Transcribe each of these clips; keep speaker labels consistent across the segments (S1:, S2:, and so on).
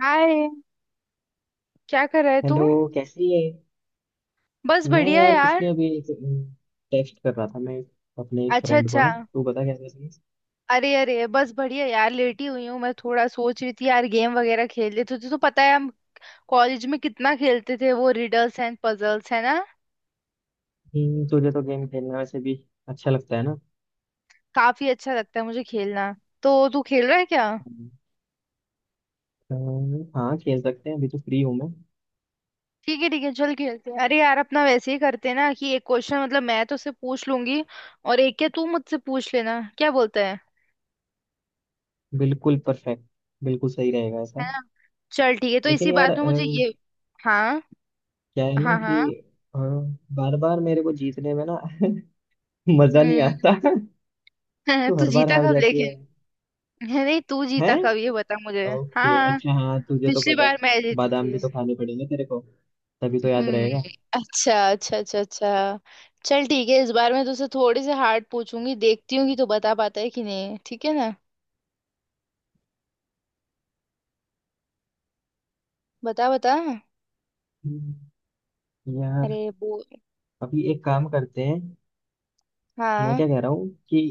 S1: हाय, क्या कर रहा है तू।
S2: हेलो। कैसी है?
S1: बस
S2: मैं
S1: बढ़िया
S2: यार कुछ
S1: यार।
S2: नहीं, अभी एक टेक्स्ट कर रहा था मैं अपने एक
S1: अच्छा
S2: फ्रेंड को।
S1: अच्छा।
S2: ना तू बता क्या कर रही है?
S1: अरे अरे, बस बढ़िया यार, लेटी हुई हूँ मैं। थोड़ा सोच रही थी यार, गेम वगैरह खेल लेते। तुझे तो पता है हम कॉलेज में कितना खेलते थे, वो रिडल्स एंड पजल्स है ना।
S2: तुझे तो गेम खेलना वैसे भी अच्छा लगता है ना।
S1: काफी अच्छा लगता है मुझे खेलना। तो तू खेल रहा है क्या।
S2: हम्म। तो हाँ, खेल सकते हैं, अभी तो फ्री हूँ मैं।
S1: ठीक है ठीक है, चल खेलते हैं। अरे यार अपना वैसे ही करते हैं ना कि एक क्वेश्चन, मतलब मैं तो उससे पूछ लूंगी और एक क्या तू मुझसे पूछ लेना, क्या बोलता है।
S2: बिल्कुल परफेक्ट। बिल्कुल सही रहेगा ऐसा।
S1: है ना। चल ठीक है, तो
S2: लेकिन
S1: इसी
S2: यार
S1: बात में मुझे ये। हाँ
S2: क्या है ना
S1: हाँ
S2: कि
S1: हाँ।
S2: बार बार मेरे को जीतने में ना मजा नहीं
S1: हम्म।
S2: आता। तू
S1: तू
S2: हर बार
S1: जीता
S2: हार
S1: कब
S2: जाती
S1: लेकिन।
S2: है।
S1: है नहीं, तू जीता
S2: हैं?
S1: कब ये बता मुझे।
S2: ओके,
S1: हाँ,
S2: अच्छा, हाँ तुझे तो
S1: पिछली
S2: पता।
S1: बार मैं जीती
S2: बादाम
S1: थी।
S2: भी तो खाने पड़ेंगे तेरे को, तभी तो याद रहेगा।
S1: हम्म। अच्छा अच्छा अच्छा अच्छा। चल ठीक है, इस बार मैं तुझसे थोड़ी से हार्ड पूछूंगी, देखती हूँ कि तू बता पाता है कि नहीं, ठीक है ना। बता बता।
S2: हम्म, यार
S1: अरे वो।
S2: अभी एक काम करते हैं। मैं
S1: हाँ।
S2: क्या कह रहा हूँ कि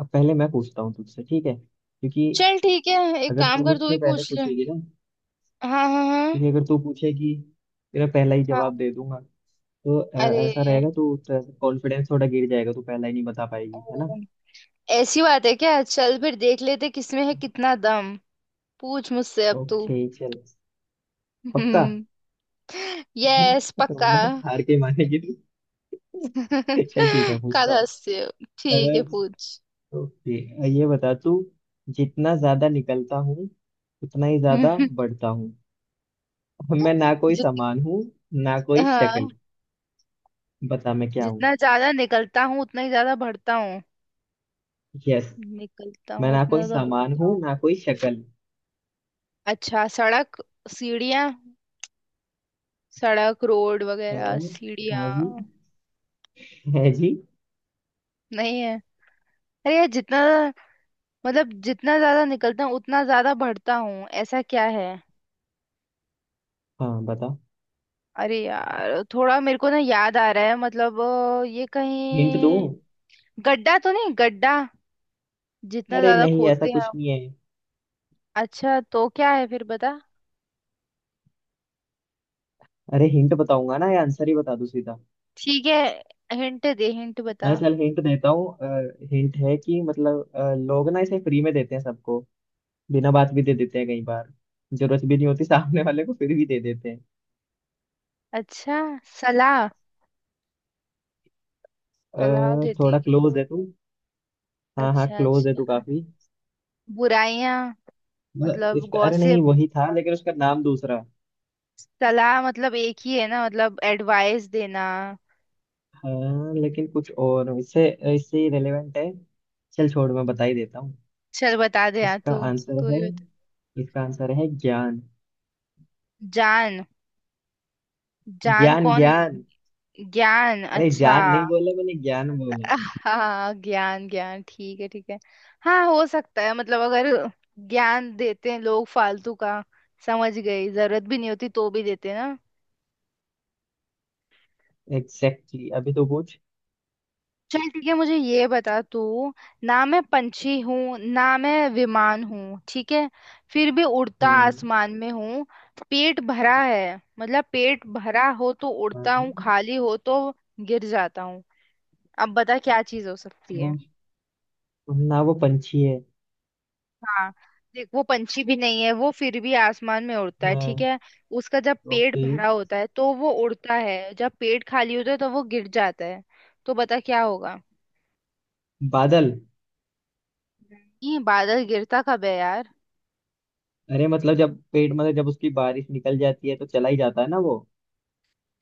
S2: अब पहले मैं पूछता हूँ तुझसे, ठीक है? क्योंकि
S1: चल ठीक है, एक
S2: अगर
S1: काम
S2: तू
S1: कर, तू ही
S2: मुझसे पहले
S1: पूछ ले।
S2: पूछेगी ना,
S1: हाँ।
S2: क्योंकि अगर तू पूछेगी, तेरा पहला ही
S1: हाँ।
S2: जवाब दे दूंगा तो
S1: अरे।
S2: ऐसा रहेगा तो कॉन्फिडेंस थोड़ा गिर जाएगा। तू पहला ही नहीं बता पाएगी, है ना।
S1: ओ, ऐसी बात है क्या, चल फिर देख लेते किसमें है कितना दम। पूछ मुझसे अब तू।
S2: ओके चल। पक्का।
S1: हम्म। यस पक्का।
S2: हार के मानेगी तू। चल ठीक है, पूछता
S1: काला
S2: हूँ।
S1: हंसते हो। ठीक है
S2: अगर
S1: पूछ।
S2: ओके, ये बता तू, जितना ज्यादा निकलता हूँ उतना ही ज्यादा बढ़ता हूँ, मैं ना कोई
S1: जित।
S2: सामान हूँ ना कोई
S1: हाँ,
S2: शक्ल, बता मैं क्या हूँ।
S1: जितना ज्यादा निकलता हूँ उतना ही ज्यादा बढ़ता हूँ।
S2: यस।
S1: निकलता
S2: मैं
S1: हूँ
S2: ना
S1: उतना
S2: कोई
S1: ज्यादा
S2: सामान
S1: बढ़ता
S2: हूँ
S1: हूँ।
S2: ना कोई शक्ल।
S1: अच्छा, सड़क, सीढ़ियाँ। सड़क, रोड वगैरह,
S2: हाँ जी।
S1: सीढ़ियाँ।
S2: है जी।
S1: नहीं है। अरे यार जितना, मतलब जितना ज्यादा निकलता हूँ उतना ज्यादा बढ़ता हूँ, ऐसा क्या है।
S2: हाँ बताओ।
S1: अरे यार थोड़ा मेरे को ना याद आ रहा है, मतलब ये
S2: हिंट दूँ?
S1: कहीं गड्ढा तो नहीं, गड्ढा। जितना
S2: अरे
S1: ज्यादा
S2: नहीं, ऐसा
S1: खोदते हैं।
S2: कुछ नहीं है।
S1: अच्छा तो क्या है फिर, बता।
S2: अरे हिंट बताऊंगा ना या आंसर ही बता दूँ सीधा?
S1: ठीक है, हिंट दे, हिंट बता।
S2: अरे चल, हिंट देता हूँ। हिंट है कि मतलब लोग ना इसे फ्री में देते हैं सबको, बिना बात भी दे देते हैं कई बार, जरूरत भी नहीं होती सामने वाले को फिर भी दे देते हैं।
S1: अच्छा, सलाह। सलाह देते
S2: थोड़ा
S1: हैं क्या।
S2: क्लोज है तू। हाँ हाँ,
S1: अच्छा
S2: क्लोज है तू
S1: अच्छा
S2: काफी।
S1: बुराइयां।
S2: मतलब
S1: मतलब
S2: इसका, अरे नहीं
S1: गॉसिप।
S2: वही था लेकिन उसका नाम दूसरा।
S1: सलाह मतलब एक ही है ना, मतलब एडवाइस देना।
S2: हाँ लेकिन कुछ और इससे, रिलेवेंट है। चल छोड़, मैं बता ही देता हूँ।
S1: चल बता दे यार
S2: इसका
S1: तू।
S2: आंसर
S1: तू ही
S2: है
S1: बता।
S2: इसका आंसर है ज्ञान।
S1: जान। जान
S2: ज्ञान
S1: कौन।
S2: ज्ञान।
S1: ज्ञान,
S2: अरे
S1: अच्छा।
S2: ज्ञान नहीं बोला मैंने, ज्ञान बोला।
S1: हाँ, ज्ञान ज्ञान, ठीक है ठीक है। हाँ हो सकता है, मतलब अगर, ज्ञान देते हैं लोग फालतू का, समझ गई, जरूरत भी नहीं होती तो भी देते हैं ना।
S2: Exactly exactly। अभी तो पूछ।
S1: चल ठीक है, मुझे ये बता तू। ना मैं पंछी हूँ ना मैं विमान हूँ, ठीक है। फिर भी उड़ता
S2: हम्म।
S1: आसमान में हूँ। पेट भरा है, मतलब पेट भरा हो तो उड़ता
S2: हाँ।
S1: हूँ, खाली हो तो गिर जाता हूँ। अब बता क्या चीज हो सकती है।
S2: वो- ना वो पंछी है।
S1: हाँ, देख वो पंछी भी नहीं है वो, फिर भी आसमान में उड़ता है ठीक
S2: हाँ।
S1: है। उसका जब पेट
S2: ओके।
S1: भरा होता है तो वो उड़ता है, जब पेट खाली होता है तो वो गिर जाता है। तो बता क्या होगा।
S2: बादल।
S1: नहीं, बादल गिरता कब है यार।
S2: अरे मतलब जब पेड़ मतलब जब उसकी बारिश निकल जाती है तो चला ही जाता है ना वो।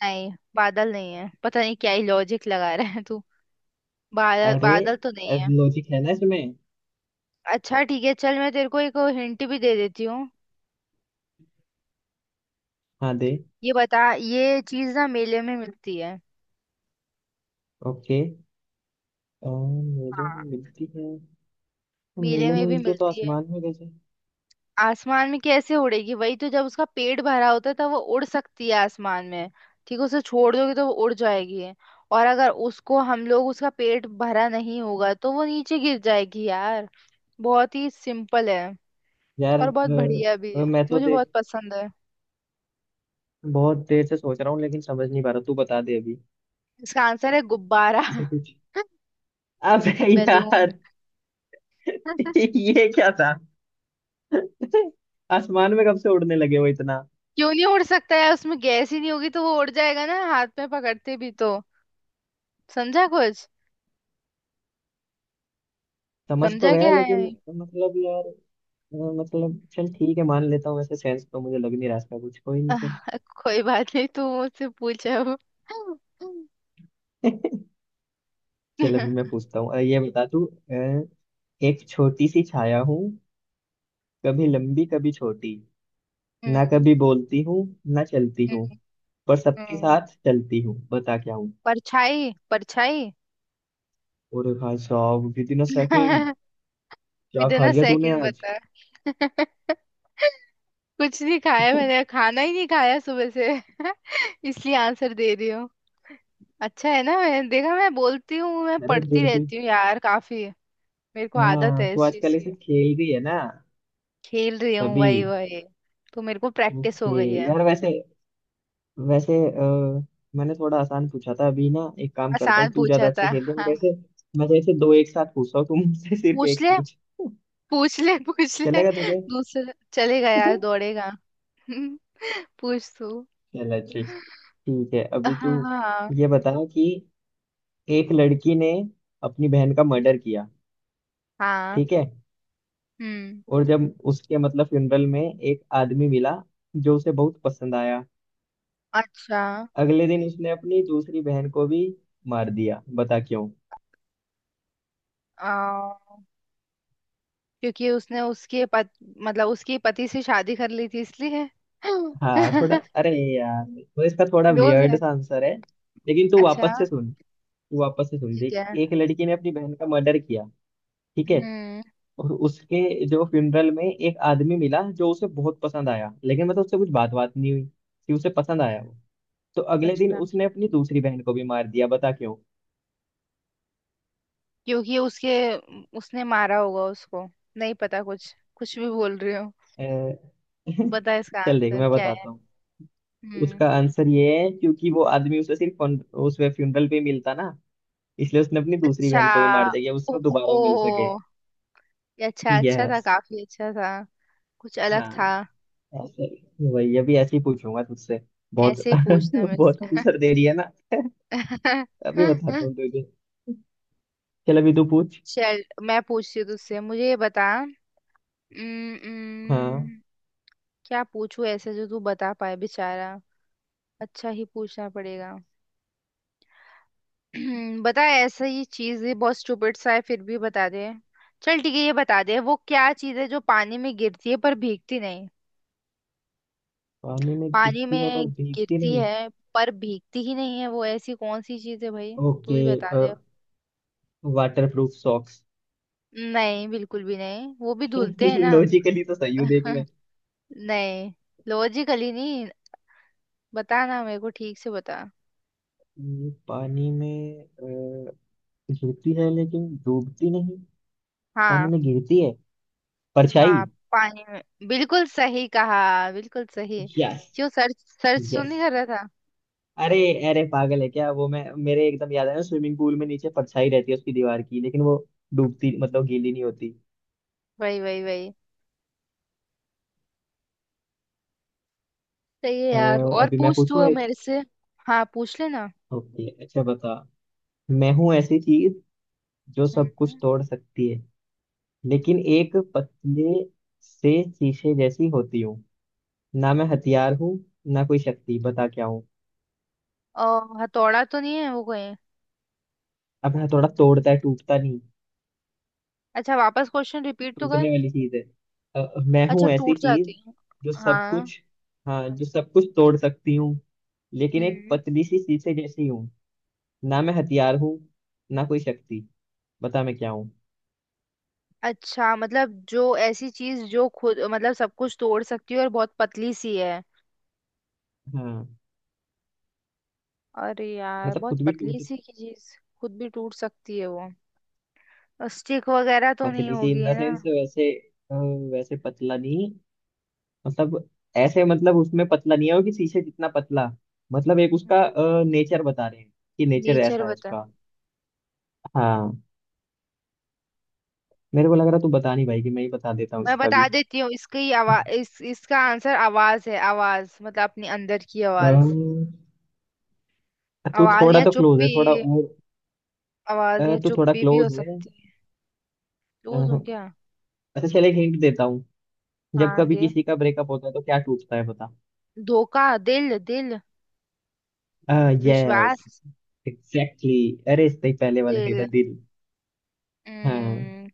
S1: नहीं, बादल नहीं है, पता नहीं क्या ही लॉजिक लगा रहा है तू। बादल
S2: अरे
S1: बादल तो नहीं है।
S2: लॉजिक है ना इसमें।
S1: अच्छा ठीक है, चल मैं तेरे को एक हिंट भी दे देती हूँ।
S2: हाँ दे।
S1: ये बता, ये चीज ना मेले में मिलती है।
S2: ओके। मेले में
S1: हाँ,
S2: मिलती है? तो
S1: मेले
S2: मेले में
S1: में भी
S2: मिलती है तो
S1: मिलती है।
S2: आसमान में कैसे?
S1: आसमान में कैसे उड़ेगी, वही तो, जब उसका पेट भरा होता है तब वो उड़ सकती है आसमान में, ठीक है। उसे छोड़ दोगे तो वो उड़ जाएगी, और अगर उसको हम लोग, उसका पेट भरा नहीं होगा तो वो नीचे गिर जाएगी यार। बहुत ही सिंपल है।
S2: यार
S1: और बहुत बढ़िया भी है,
S2: मैं तो
S1: मुझे बहुत
S2: देख
S1: पसंद है।
S2: बहुत देर से सोच रहा हूँ लेकिन समझ नहीं पा रहा, तू बता दे अभी।
S1: इसका आंसर है गुब्बारा।
S2: इसे कुछ। अबे
S1: बैलून।
S2: यार। ये क्या था? आसमान में कब से उड़ने लगे हो इतना?
S1: क्यों नहीं उड़ सकता, है उसमें गैस ही नहीं होगी तो वो उड़ जाएगा ना, हाथ में पकड़ते भी तो। समझा कुछ।
S2: समझ तो
S1: समझा
S2: गया
S1: क्या
S2: लेकिन
S1: है।
S2: मतलब यार मतलब चल ठीक है, मान लेता हूँ। वैसे सेंस तो मुझे लग नहीं रहा इसका कुछ। कोई नहीं, चल।
S1: आह, कोई बात नहीं, तू मुझसे पूछ अब।
S2: चल अभी
S1: हम्म।
S2: मैं पूछता हूँ। ये बता तू। अ, एक छोटी सी छाया हूँ, कभी लंबी कभी छोटी, ना
S1: हम्म,
S2: कभी बोलती हूँ ना चलती हूँ, पर सबके
S1: हम्म।
S2: साथ चलती हूँ, बता क्या हूँ।
S1: परछाई परछाई।
S2: और भाई साहब विदिन अ सेकेंड। क्या खा
S1: बिना
S2: लिया तूने
S1: सेकंड
S2: आज?
S1: बता। कुछ नहीं खाया, मैंने खाना ही नहीं खाया सुबह से इसलिए आंसर दे रही हूँ। अच्छा है ना, मैं देखा मैं बोलती हूँ, मैं
S2: अरे
S1: पढ़ती
S2: बिल्कुल।
S1: रहती हूँ यार काफी, मेरे को आदत
S2: हाँ
S1: है
S2: तू
S1: इस चीज
S2: आजकल
S1: की।
S2: ऐसे खेल रही है ना।
S1: खेल रही हूँ
S2: तभी।
S1: वही वही। तो मेरे को प्रैक्टिस
S2: ओके।
S1: हो गई है।
S2: यार वैसे। वैसे मैंने थोड़ा आसान पूछा था अभी ना। एक काम करता हूँ,
S1: आसान
S2: तू ज्यादा
S1: पूछा
S2: अच्छा
S1: था
S2: खेल रही है,
S1: हाँ।
S2: मैं जैसे दो एक साथ पूछ रहा हूँ तू मुझसे, सिर्फ
S1: पूछ
S2: एक
S1: ले
S2: पूछ।
S1: पूछ ले पूछ ले
S2: चलेगा तुझे?
S1: दूसरा चलेगा यार, दौड़ेगा। पूछ तू।
S2: चलो ठीक। ठीक है अभी तू
S1: हाँ हाँ
S2: ये बता कि एक लड़की ने अपनी बहन का मर्डर किया,
S1: हाँ
S2: ठीक है।
S1: हम्म।
S2: और जब उसके मतलब फ्यूनरल में एक आदमी मिला जो उसे बहुत पसंद आया।
S1: अच्छा।
S2: अगले दिन उसने अपनी दूसरी बहन को भी मार दिया, बता क्यों।
S1: आ, क्योंकि उसने उसके पत, मतलब उसके पति से शादी कर ली थी इसलिए।
S2: हाँ थोड़ा।
S1: क्लोज
S2: अरे यार, तो इसका थोड़ा वियर्ड
S1: है।
S2: सा आंसर है लेकिन तू
S1: अच्छा।
S2: वापस से सुन। तू वापस से सुन,
S1: ठीक
S2: देख।
S1: है।
S2: एक लड़की ने अपनी बहन का मर्डर किया, ठीक है।
S1: हम्म।
S2: और उसके जो फ्यूनरल में एक आदमी मिला जो उसे बहुत पसंद आया लेकिन मतलब उससे कुछ बात बात नहीं हुई कि उसे पसंद आया वो। तो अगले दिन
S1: अच्छा,
S2: उसने अपनी दूसरी बहन को भी मार दिया, बता क्यों।
S1: क्योंकि उसके, उसने मारा होगा उसको। नहीं पता, कुछ कुछ भी बोल रही हो।
S2: अ,
S1: बता इसका
S2: चल देख
S1: आंसर
S2: मैं
S1: क्या है।
S2: बताता हूँ।
S1: हम्म।
S2: उसका आंसर ये है क्योंकि वो आदमी उसे सिर्फ उस फ्यूनरल पे मिलता ना, इसलिए उसने अपनी दूसरी
S1: अच्छा।
S2: बहन को भी मार दिया कि
S1: ओ,
S2: उसको दोबारा मिल सके।
S1: ओ, ये अच्छा, अच्छा था,
S2: यस।
S1: काफी अच्छा था। कुछ अलग
S2: हाँ।
S1: था।
S2: ऐसे ही। वही अभी ऐसे ही पूछूंगा तुझसे। बहुत
S1: ऐसे ही पूछना मेरे
S2: बहुत
S1: से।
S2: आंसर दे रही है ना। अभी बताता हूँ तुझे। चल अभी तू पूछ।
S1: चल मैं पूछती हूँ तुझसे, मुझे ये बता। उम्म,
S2: हाँ।
S1: उम्म, क्या पूछू ऐसे जो तू बता पाए बेचारा। अच्छा ही पूछना पड़ेगा। बता ऐसा, ये चीज है बहुत स्टूपिड सा है, फिर भी बता दे। चल ठीक है, ये बता दे वो क्या चीज है जो पानी में गिरती है पर भीगती नहीं।
S2: पानी में
S1: पानी
S2: गिरती है पर
S1: में
S2: भीगती
S1: गिरती
S2: नहीं है।
S1: है पर भीगती ही नहीं है, वो ऐसी कौन सी चीज है भाई। तू
S2: ओके।
S1: ही बता दे।
S2: Waterproof socks.
S1: नहीं, बिल्कुल भी नहीं, वो भी धुलते हैं ना।
S2: लॉजिकली तो सही हूँ देख मैं।
S1: नहीं, लॉजिकली नहीं। बताना मेरे को ठीक से, बता।
S2: पानी में गिरती है लेकिन डूबती नहीं। पानी
S1: हाँ।
S2: में गिरती है। परछाई।
S1: हाँ, पानी में। बिल्कुल सही कहा, बिल्कुल सही।
S2: यस।
S1: क्यों, सर्च। सर्च तो
S2: यस।
S1: नहीं कर रहा था।
S2: अरे अरे पागल है क्या? वो मैं, मेरे एकदम याद आया, स्विमिंग पूल में नीचे परछाई रहती है उसकी दीवार की लेकिन वो डूबती, मतलब गीली नहीं होती।
S1: वही वही वही। सही है
S2: अ,
S1: यार, और
S2: अभी मैं
S1: पूछ तू
S2: पूछूं
S1: अब
S2: एक।
S1: मेरे से। हाँ पूछ लेना।
S2: ओके अच्छा बता। मैं हूँ ऐसी चीज जो
S1: हम्म,
S2: सब कुछ
S1: हम्म।
S2: तोड़ सकती है, लेकिन एक पतले से शीशे जैसी होती हूँ, ना मैं हथियार हूँ ना कोई शक्ति, बता क्या हूँ।
S1: और हथौड़ा तो नहीं है वो कहीं।
S2: अब मैं थोड़ा तोड़ता है टूटता नहीं।
S1: अच्छा, वापस क्वेश्चन रिपीट तो कर।
S2: टूटने वाली चीज है। मैं
S1: अच्छा,
S2: हूँ ऐसी
S1: टूट जाती
S2: चीज
S1: है।
S2: जो सब
S1: हाँ।
S2: कुछ, हाँ जो सब कुछ तोड़ सकती हूँ, लेकिन एक
S1: हम्म।
S2: पतली सी शीशे जैसी हूँ, ना मैं हथियार हूँ, ना कोई शक्ति, बता मैं क्या हूँ।
S1: अच्छा, मतलब जो ऐसी चीज जो खुद, मतलब सब कुछ तोड़ सकती है और बहुत पतली सी है।
S2: हाँ।
S1: अरे यार,
S2: मतलब
S1: बहुत
S2: खुद भी
S1: पतली
S2: टूट।
S1: सी की चीज। खुद भी टूट सकती है वो। स्टिक वगैरह तो नहीं
S2: पतली सी
S1: होगी,
S2: इन
S1: है
S2: द
S1: ना।
S2: सेंस वैसे। अ, वैसे पतला नहीं, मतलब ऐसे, मतलब उसमें पतला नहीं है वो कि शीशे जितना पतला। मतलब एक उसका नेचर बता रहे हैं, कि नेचर
S1: नेचर
S2: ऐसा है
S1: बता।
S2: उसका। हाँ। मेरे को लग रहा तू बता नहीं भाई कि मैं ही बता देता हूँ
S1: मैं
S2: इसका
S1: बता
S2: भी।
S1: देती हूँ इसकी, आवाज, इस इसका आंसर आवाज है, आवाज मतलब अपने अंदर की आवाज।
S2: अम, तू
S1: आवाज
S2: थोड़ा
S1: या
S2: तो क्लोज
S1: चुप्पी।
S2: है, थोड़ा और।
S1: आवाज या
S2: तू थोड़ा
S1: चुप्पी भी हो
S2: क्लोज है।
S1: सकती है।
S2: अ,
S1: लूज हूँ क्या।
S2: अच्छा चल एक हिंट देता हूँ। जब
S1: हाँ
S2: कभी
S1: दे।
S2: किसी का ब्रेकअप होता है तो क्या टूटता है बता।
S1: धोखा, दिल, दिल,
S2: यस।
S1: विश्वास।
S2: एग्जैक्टली। अरे इससे ही पहले वाले से था,
S1: दिल।
S2: दिल। हाँ।
S1: हम्म,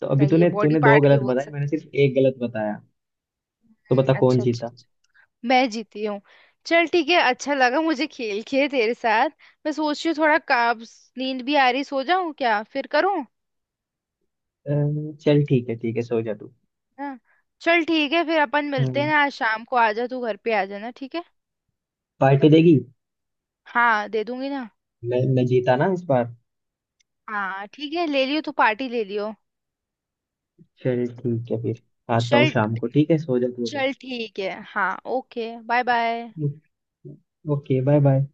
S2: तो अभी
S1: सही है,
S2: तूने
S1: बॉडी
S2: तूने दो
S1: पार्ट भी
S2: गलत
S1: बोल
S2: बताए, मैंने
S1: सकते हैं।
S2: सिर्फ एक गलत बताया, तो बता कौन
S1: अच्छा अच्छा
S2: जीता।
S1: अच्छा मैं जीती हूँ। चल ठीक है, अच्छा लगा मुझे खेल के तेरे साथ। मैं सोच रही हूँ थोड़ा, काब्स नींद भी आ रही, सो जाऊं क्या, फिर करूँ।
S2: चल ठीक है, ठीक है सो जा तू।
S1: हाँ। चल ठीक है, फिर अपन मिलते हैं
S2: हम्म,
S1: ना आज शाम को, आ जा तू घर पे, आ जाना ठीक है।
S2: पार्टी देगी।
S1: हाँ दे दूंगी ना।
S2: मैं जीता ना इस बार।
S1: हाँ ठीक है, ले लियो तू, पार्टी ले लियो।
S2: चल ठीक है फिर, आता हूँ
S1: चल।
S2: शाम को, ठीक है, सो जा तू।
S1: चल ठीक है, हाँ ओके बाय बाय।
S2: अभी। Okay bye bye.